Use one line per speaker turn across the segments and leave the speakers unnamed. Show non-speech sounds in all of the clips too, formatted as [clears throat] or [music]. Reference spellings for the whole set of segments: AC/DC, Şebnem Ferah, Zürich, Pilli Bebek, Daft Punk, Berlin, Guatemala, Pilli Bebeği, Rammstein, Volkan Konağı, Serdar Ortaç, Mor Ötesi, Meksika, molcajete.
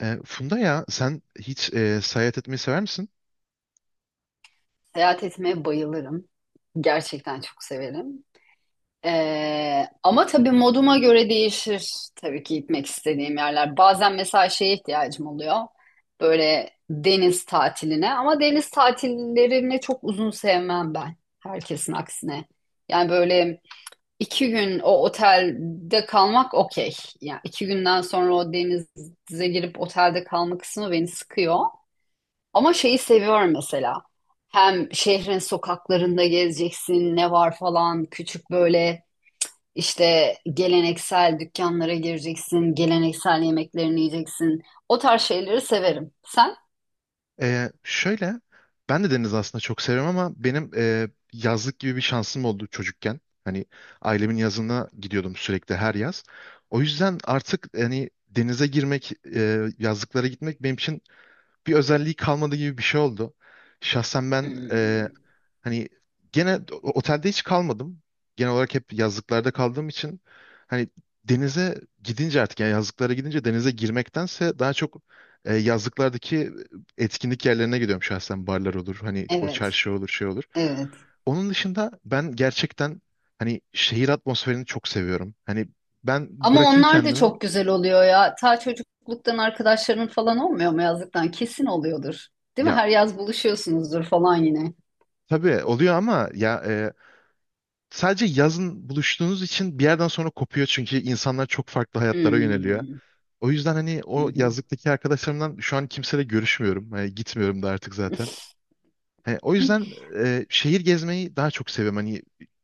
Funda ya sen hiç seyahat etmeyi sever misin?
Seyahat etmeye bayılırım. Gerçekten çok severim. Ama tabii moduma göre değişir tabii ki gitmek istediğim yerler. Bazen mesela şeye ihtiyacım oluyor. Böyle deniz tatiline ama deniz tatillerini çok uzun sevmem ben. Herkesin aksine. Yani böyle iki gün o otelde kalmak okey. Yani iki günden sonra o denize girip otelde kalma kısmı beni sıkıyor. Ama şeyi seviyorum mesela. Hem şehrin sokaklarında gezeceksin, ne var falan. Küçük böyle işte geleneksel dükkanlara gireceksin, geleneksel yemeklerini yiyeceksin. O tarz şeyleri severim. Sen?
Şöyle ben de deniz aslında çok seviyorum ama benim yazlık gibi bir şansım oldu çocukken. Hani ailemin yazına gidiyordum sürekli her yaz. O yüzden artık hani denize girmek, yazlıklara gitmek benim için bir özelliği kalmadı gibi bir şey oldu. Şahsen ben,
Hmm,
hani gene otelde hiç kalmadım. Genel olarak hep yazlıklarda kaldığım için hani denize gidince artık yani yazlıklara gidince denize girmektense daha çok yazlıklardaki etkinlik yerlerine gidiyorum şahsen, barlar olur, hani o
Evet,
çarşı olur, şey olur.
evet.
Onun dışında ben gerçekten hani şehir atmosferini çok seviyorum. Hani ben
Ama
bırakayım
onlar da
kendimi.
çok güzel oluyor ya. Ta çocukluktan arkadaşların falan olmuyor mu yazlıktan? Kesin oluyordur. Değil mi?
Ya
Her yaz buluşuyorsunuzdur falan yine.
tabii oluyor ama ya sadece yazın buluştuğunuz için bir yerden sonra kopuyor çünkü insanlar çok farklı hayatlara yöneliyor.
Hmm,
O yüzden hani
hı
o
hı,
yazlıktaki arkadaşlarımdan şu an kimseyle görüşmüyorum. Hani gitmiyorum da artık zaten. Hani o
hı
yüzden şehir gezmeyi daha çok seviyorum. Hani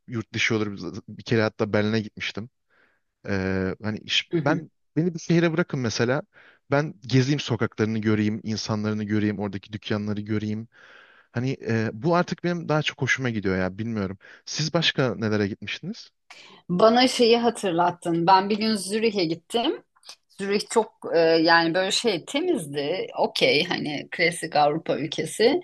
yurt dışı olur. Bir kere hatta Berlin'e gitmiştim. Hani
hı.
beni bir şehre bırakın mesela. Ben gezeyim, sokaklarını göreyim, insanlarını göreyim, oradaki dükkanları göreyim. Hani bu artık benim daha çok hoşuma gidiyor ya, bilmiyorum. Siz başka nelere gitmiştiniz?
Bana şeyi hatırlattın. Ben bir gün Zürih'e gittim. Zürih çok yani böyle şey temizdi. Okey hani klasik Avrupa ülkesi.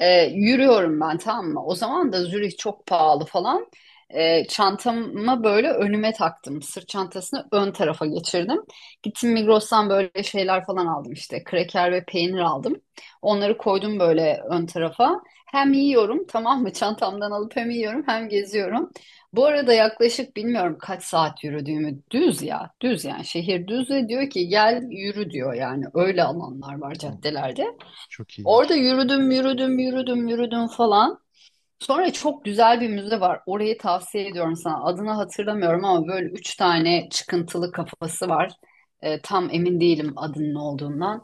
Yürüyorum ben tamam mı? O zaman da Zürih çok pahalı falan. Çantamı böyle önüme taktım. Sırt çantasını ön tarafa geçirdim. Gittim Migros'tan böyle şeyler falan aldım işte. Kraker ve peynir aldım. Onları koydum böyle ön tarafa. Hem yiyorum tamam mı? [laughs] Çantamdan alıp hem yiyorum hem geziyorum. Bu arada yaklaşık bilmiyorum kaç saat yürüdüğümü. Düz ya. Düz yani. Şehir düz ve diyor ki gel yürü diyor yani. Öyle alanlar var
Yok,
caddelerde.
çok
Orada
iyiymiş.
yürüdüm, yürüdüm, yürüdüm, yürüdüm falan. Sonra çok güzel bir müze var. Orayı tavsiye ediyorum sana. Adını hatırlamıyorum ama böyle üç tane çıkıntılı kafası var. Tam emin değilim adının ne olduğundan.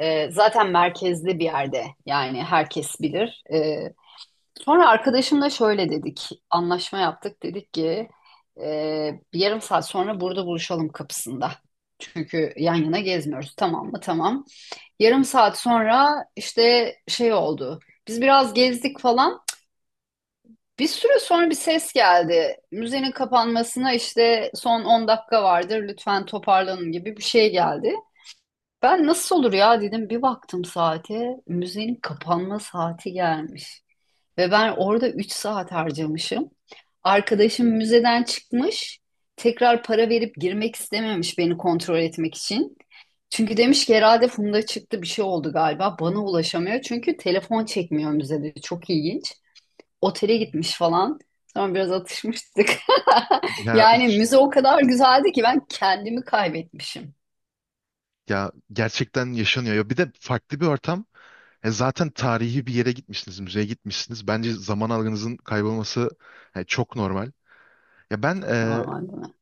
Zaten merkezde bir yerde. Yani herkes bilir. Sonra arkadaşımla şöyle dedik. Anlaşma yaptık. Dedik ki bir yarım saat sonra burada buluşalım kapısında. Çünkü yan yana gezmiyoruz. Tamam mı? Tamam. Yarım saat sonra işte şey oldu. Biz biraz gezdik falan. Bir süre sonra bir ses geldi. Müzenin kapanmasına işte son 10 dakika vardır. Lütfen toparlanın gibi bir şey geldi. Ben nasıl olur ya dedim. Bir baktım saate. Müzenin kapanma saati gelmiş. Ve ben orada 3 saat harcamışım. Arkadaşım müzeden çıkmış. Tekrar para verip girmek istememiş beni kontrol etmek için. Çünkü demiş ki herhalde Funda çıktı bir şey oldu galiba. Bana ulaşamıyor. Çünkü telefon çekmiyor müzede. Çok ilginç. Otele
Hmm.
gitmiş falan. Sonra biraz atışmıştık. [laughs]
Ya
Yani müze o kadar güzeldi ki ben kendimi kaybetmişim.
Ya gerçekten yaşanıyor. Ya bir de farklı bir ortam. Zaten tarihi bir yere gitmişsiniz, müzeye gitmişsiniz. Bence zaman algınızın kaybolması çok normal. Ya ben,
Çok normal değil mi?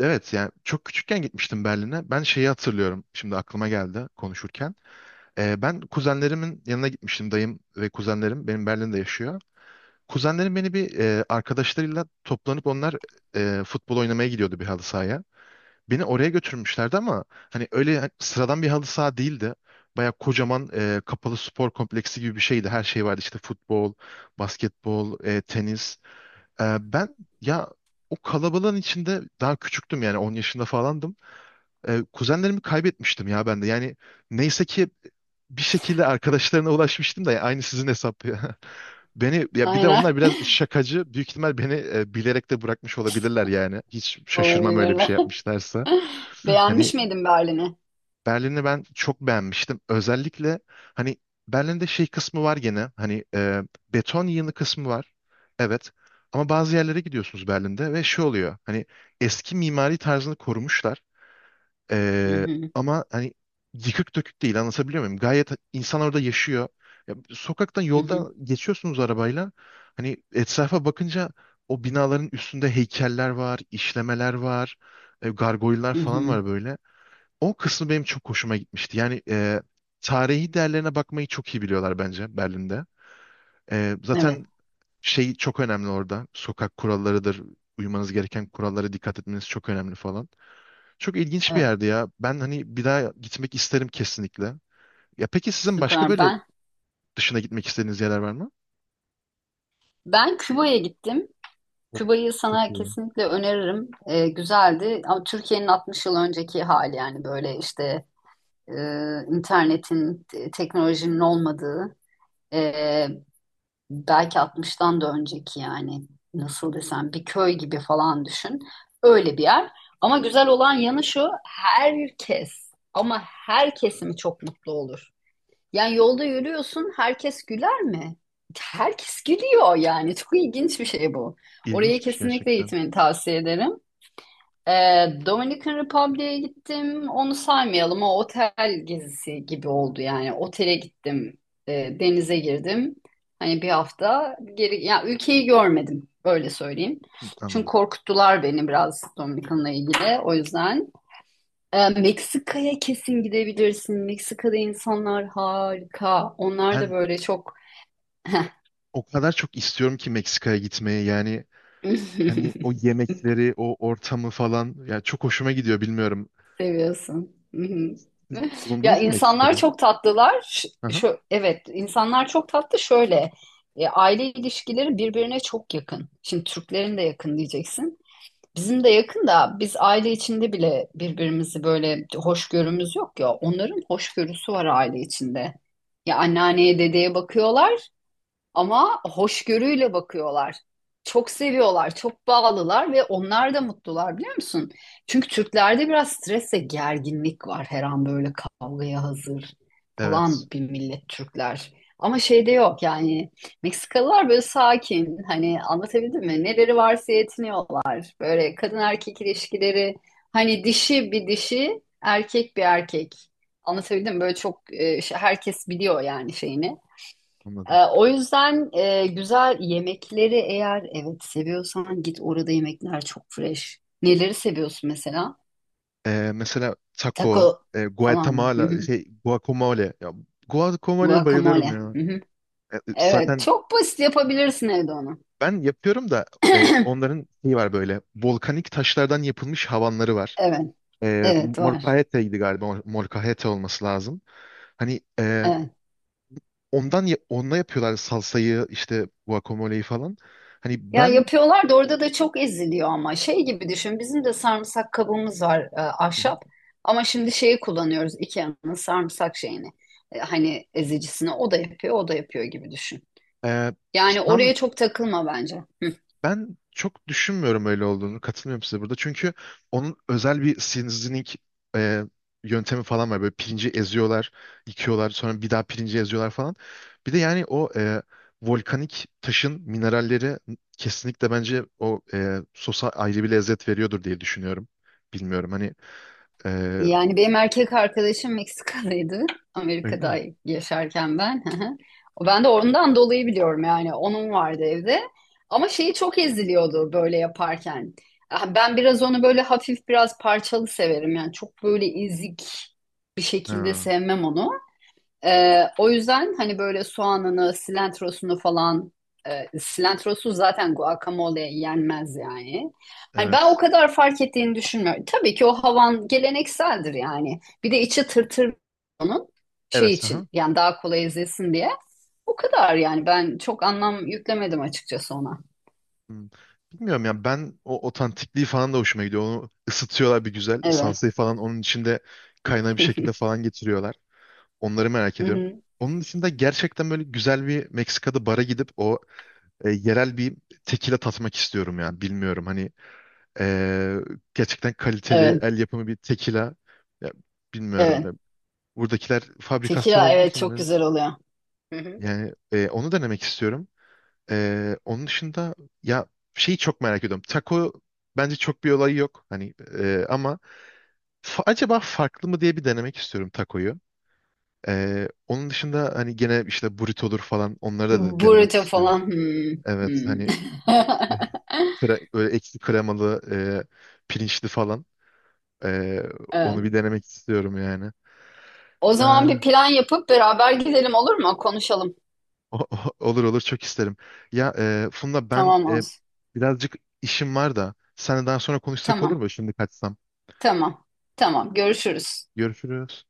evet, yani çok küçükken gitmiştim Berlin'e. Ben şeyi hatırlıyorum. Şimdi aklıma geldi konuşurken. Ben kuzenlerimin yanına gitmiştim. Dayım ve kuzenlerim benim Berlin'de yaşıyor. Kuzenlerim beni bir arkadaşlarıyla toplanıp onlar futbol oynamaya gidiyordu, bir halı sahaya. Beni oraya götürmüşlerdi ama hani öyle, hani sıradan bir halı saha değildi. Baya kocaman kapalı spor kompleksi gibi bir şeydi. Her şey vardı işte, futbol, basketbol, tenis. Ben ya o kalabalığın içinde daha küçüktüm, yani 10 yaşında falandım. Kuzenlerimi kaybetmiştim ya ben de. Yani neyse ki bir şekilde arkadaşlarına ulaşmıştım da, ya aynı sizin hesap ya. [laughs] Ya, bir de
Aynen.
onlar biraz şakacı. Büyük ihtimal beni bilerek de bırakmış olabilirler yani. Hiç
[laughs]
şaşırmam öyle bir şey
Olabilirler.
yapmışlarsa. Hani
Beğenmiş miydin Berlin'i?
Berlin'i ben çok beğenmiştim. Özellikle hani Berlin'de şey kısmı var gene. Hani beton yığını kısmı var. Evet. Ama bazı yerlere gidiyorsunuz Berlin'de ve şey oluyor. Hani eski mimari tarzını korumuşlar.
Hı
E,
hı,
Ama hani yıkık dökük değil. Anlatabiliyor muyum? Gayet insan orada yaşıyor. Ya, sokaktan,
hı
yolda
hı,
geçiyorsunuz arabayla. Hani etrafa bakınca o binaların üstünde heykeller var, işlemeler var, gargoylar
hı
falan
hı.
var böyle. O kısmı benim çok hoşuma gitmişti. Yani tarihi değerlerine bakmayı çok iyi biliyorlar bence Berlin'de.
Evet.
Zaten şey çok önemli orada. Sokak kurallarıdır. Uymanız gereken kurallara dikkat etmeniz çok önemli falan. Çok ilginç bir
Evet.
yerdi ya. Ben hani bir daha gitmek isterim kesinlikle. Ya peki sizin başka
Süper.
böyle
Ben
dışına gitmek istediğiniz yerler var mı?
ben Küba'ya gittim.
Oo,
Küba'yı
çok
sana
iyi.
kesinlikle öneririm. Güzeldi ama Türkiye'nin 60 yıl önceki hali yani böyle işte e, internetin, teknolojinin olmadığı e, belki 60'tan da önceki yani nasıl desem bir köy gibi falan düşün. Öyle bir yer. Ama güzel olan yanı şu herkes ama her kesimi çok mutlu olur. Yani yolda yürüyorsun, herkes güler mi? Herkes gülüyor yani. [laughs] Çok ilginç bir şey bu. Oraya
İlginçmiş
kesinlikle
gerçekten.
gitmeni tavsiye ederim. Ee, Dominican Republic'e gittim. Onu saymayalım. O otel gezisi gibi oldu yani. Otele gittim. Denize girdim. Hani bir hafta geri, ya ülkeyi görmedim. Öyle söyleyeyim.
Hı,
Çünkü
anladım.
korkuttular beni biraz Dominican'la ilgili. O yüzden. Meksika'ya kesin gidebilirsin. Meksika'da insanlar harika. Onlar da
Ben
böyle çok [laughs]
o kadar çok istiyorum ki Meksika'ya gitmeye. Yani hani o yemekleri, o ortamı falan, ya çok hoşuma gidiyor, bilmiyorum.
seviyorsun. [laughs]
Siz
Ya
bulundunuz mu
insanlar
Meksika'da?
çok tatlılar.
Aha,
Şu, evet, insanlar çok tatlı. Şöyle, aile ilişkileri birbirine çok yakın. Şimdi Türklerin de yakın diyeceksin. Bizim de yakın da biz aile içinde bile birbirimizi böyle hoşgörümüz yok ya. Onların hoşgörüsü var aile içinde. Ya anneanneye dedeye bakıyorlar. Ama hoşgörüyle bakıyorlar. Çok seviyorlar, çok bağlılar ve onlar da mutlular biliyor musun? Çünkü Türklerde biraz stres ve gerginlik var. Her an böyle kavgaya hazır
evet,
falan bir millet Türkler. Ama şeyde yok yani Meksikalılar böyle sakin hani anlatabildim mi? Neleri varsa yetiniyorlar. Böyle kadın erkek ilişkileri hani dişi bir dişi erkek bir erkek. Anlatabildim mi? Böyle çok herkes biliyor yani şeyini.
anladım.
O yüzden güzel yemekleri eğer evet seviyorsan git orada yemekler çok fresh. Neleri seviyorsun mesela?
Mesela taco,
Taco falan mı? Hı
Guatemala,
hı.
şey guacamole. Ya, guacamole'ye bayılıyorum
Guacamole.
ya.
Hı hı. Evet
Zaten
çok basit yapabilirsin evde onu.
ben yapıyorum da,
[clears throat]
onların şeyi var böyle, volkanik taşlardan yapılmış havanları var.
Evet, evet var.
Molcajete'ydi galiba. Molcajete olması lazım. Hani
Evet.
onunla yapıyorlar salsayı, işte guacamole'yi falan. Hani
Ya
ben
yapıyorlar da orada da çok eziliyor ama şey gibi düşün. Bizim de sarımsak kabımız var
Hı hı.
ahşap. Ama şimdi şeyi kullanıyoruz. IKEA'nın sarımsak şeyini. Hani ezicisini o da yapıyor, o da yapıyor gibi düşün.
e,
Yani
tam
oraya çok takılma bence. Hı.
Ben çok düşünmüyorum öyle olduğunu. Katılmıyorum size burada. Çünkü onun özel bir seasoning e, yöntemi falan var. Böyle pirinci eziyorlar, yıkıyorlar, sonra bir daha pirinci eziyorlar falan. Bir de yani o volkanik taşın mineralleri kesinlikle bence o sosa ayrı bir lezzet veriyordur diye düşünüyorum. Bilmiyorum hani. e,
Yani benim erkek arkadaşım Meksikalıydı. [laughs]
Öyle mi?
Amerika'da yaşarken ben. [laughs] Hı hı. Ben de ondan dolayı biliyorum yani. Onun vardı evde. Ama şeyi çok eziliyordu böyle yaparken. Ah, ben biraz onu böyle hafif biraz parçalı severim. Yani çok böyle ezik bir şekilde
Ha,
sevmem onu. O yüzden hani böyle soğanını, silantrosunu falan silantrosu zaten guacamole'ye yenmez yani. Hani ben o
evet.
kadar fark ettiğini düşünmüyorum. Tabii ki o havan gelenekseldir yani. Bir de içi tırtır onun şey
Evet.
için yani daha kolay ezilsin diye. O kadar yani ben çok anlam yüklemedim açıkçası ona.
Hmm. Bilmiyorum ya, ben o otantikliği falan da hoşuma gidiyor. Onu ısıtıyorlar bir güzel.
Evet.
Salsayı falan onun içinde kaynağı bir şekilde falan getiriyorlar. Onları merak
Hı
ediyorum.
hı.
Onun dışında gerçekten böyle güzel bir Meksika'da bara gidip o yerel bir tekila tatmak istiyorum ya. Bilmiyorum hani, e, gerçekten kaliteli
Evet.
el yapımı bir tekila. Ya, bilmiyorum.
Evet.
Buradakiler fabrikasyon
Tekila
olduğu
evet
için
çok
birazcık.
güzel oluyor. Hı hı.
Yani onu denemek istiyorum. Onun dışında ya şeyi çok merak ediyorum. Taco bence çok bir olayı yok. Hani ama acaba farklı mı diye bir denemek istiyorum tacoyu. Onun dışında hani gene işte burrito olur falan, onları da denemek
Burrito
istiyorum.
falan. Hmm.
Evet
Hmm.
hani [laughs]
[laughs]
böyle ekşi kremalı, pirinçli falan, Ee, onu
Evet.
bir denemek istiyorum yani.
O zaman bir
Ee,
plan yapıp beraber gidelim olur mu? Konuşalım.
olur olur, çok isterim. Ya Funda, ben
Tamam olsun.
birazcık işim var da seninle daha sonra konuşsak olur
Tamam.
mu? Şimdi kaçsam.
Tamam. Tamam. Görüşürüz.
Görüşürüz.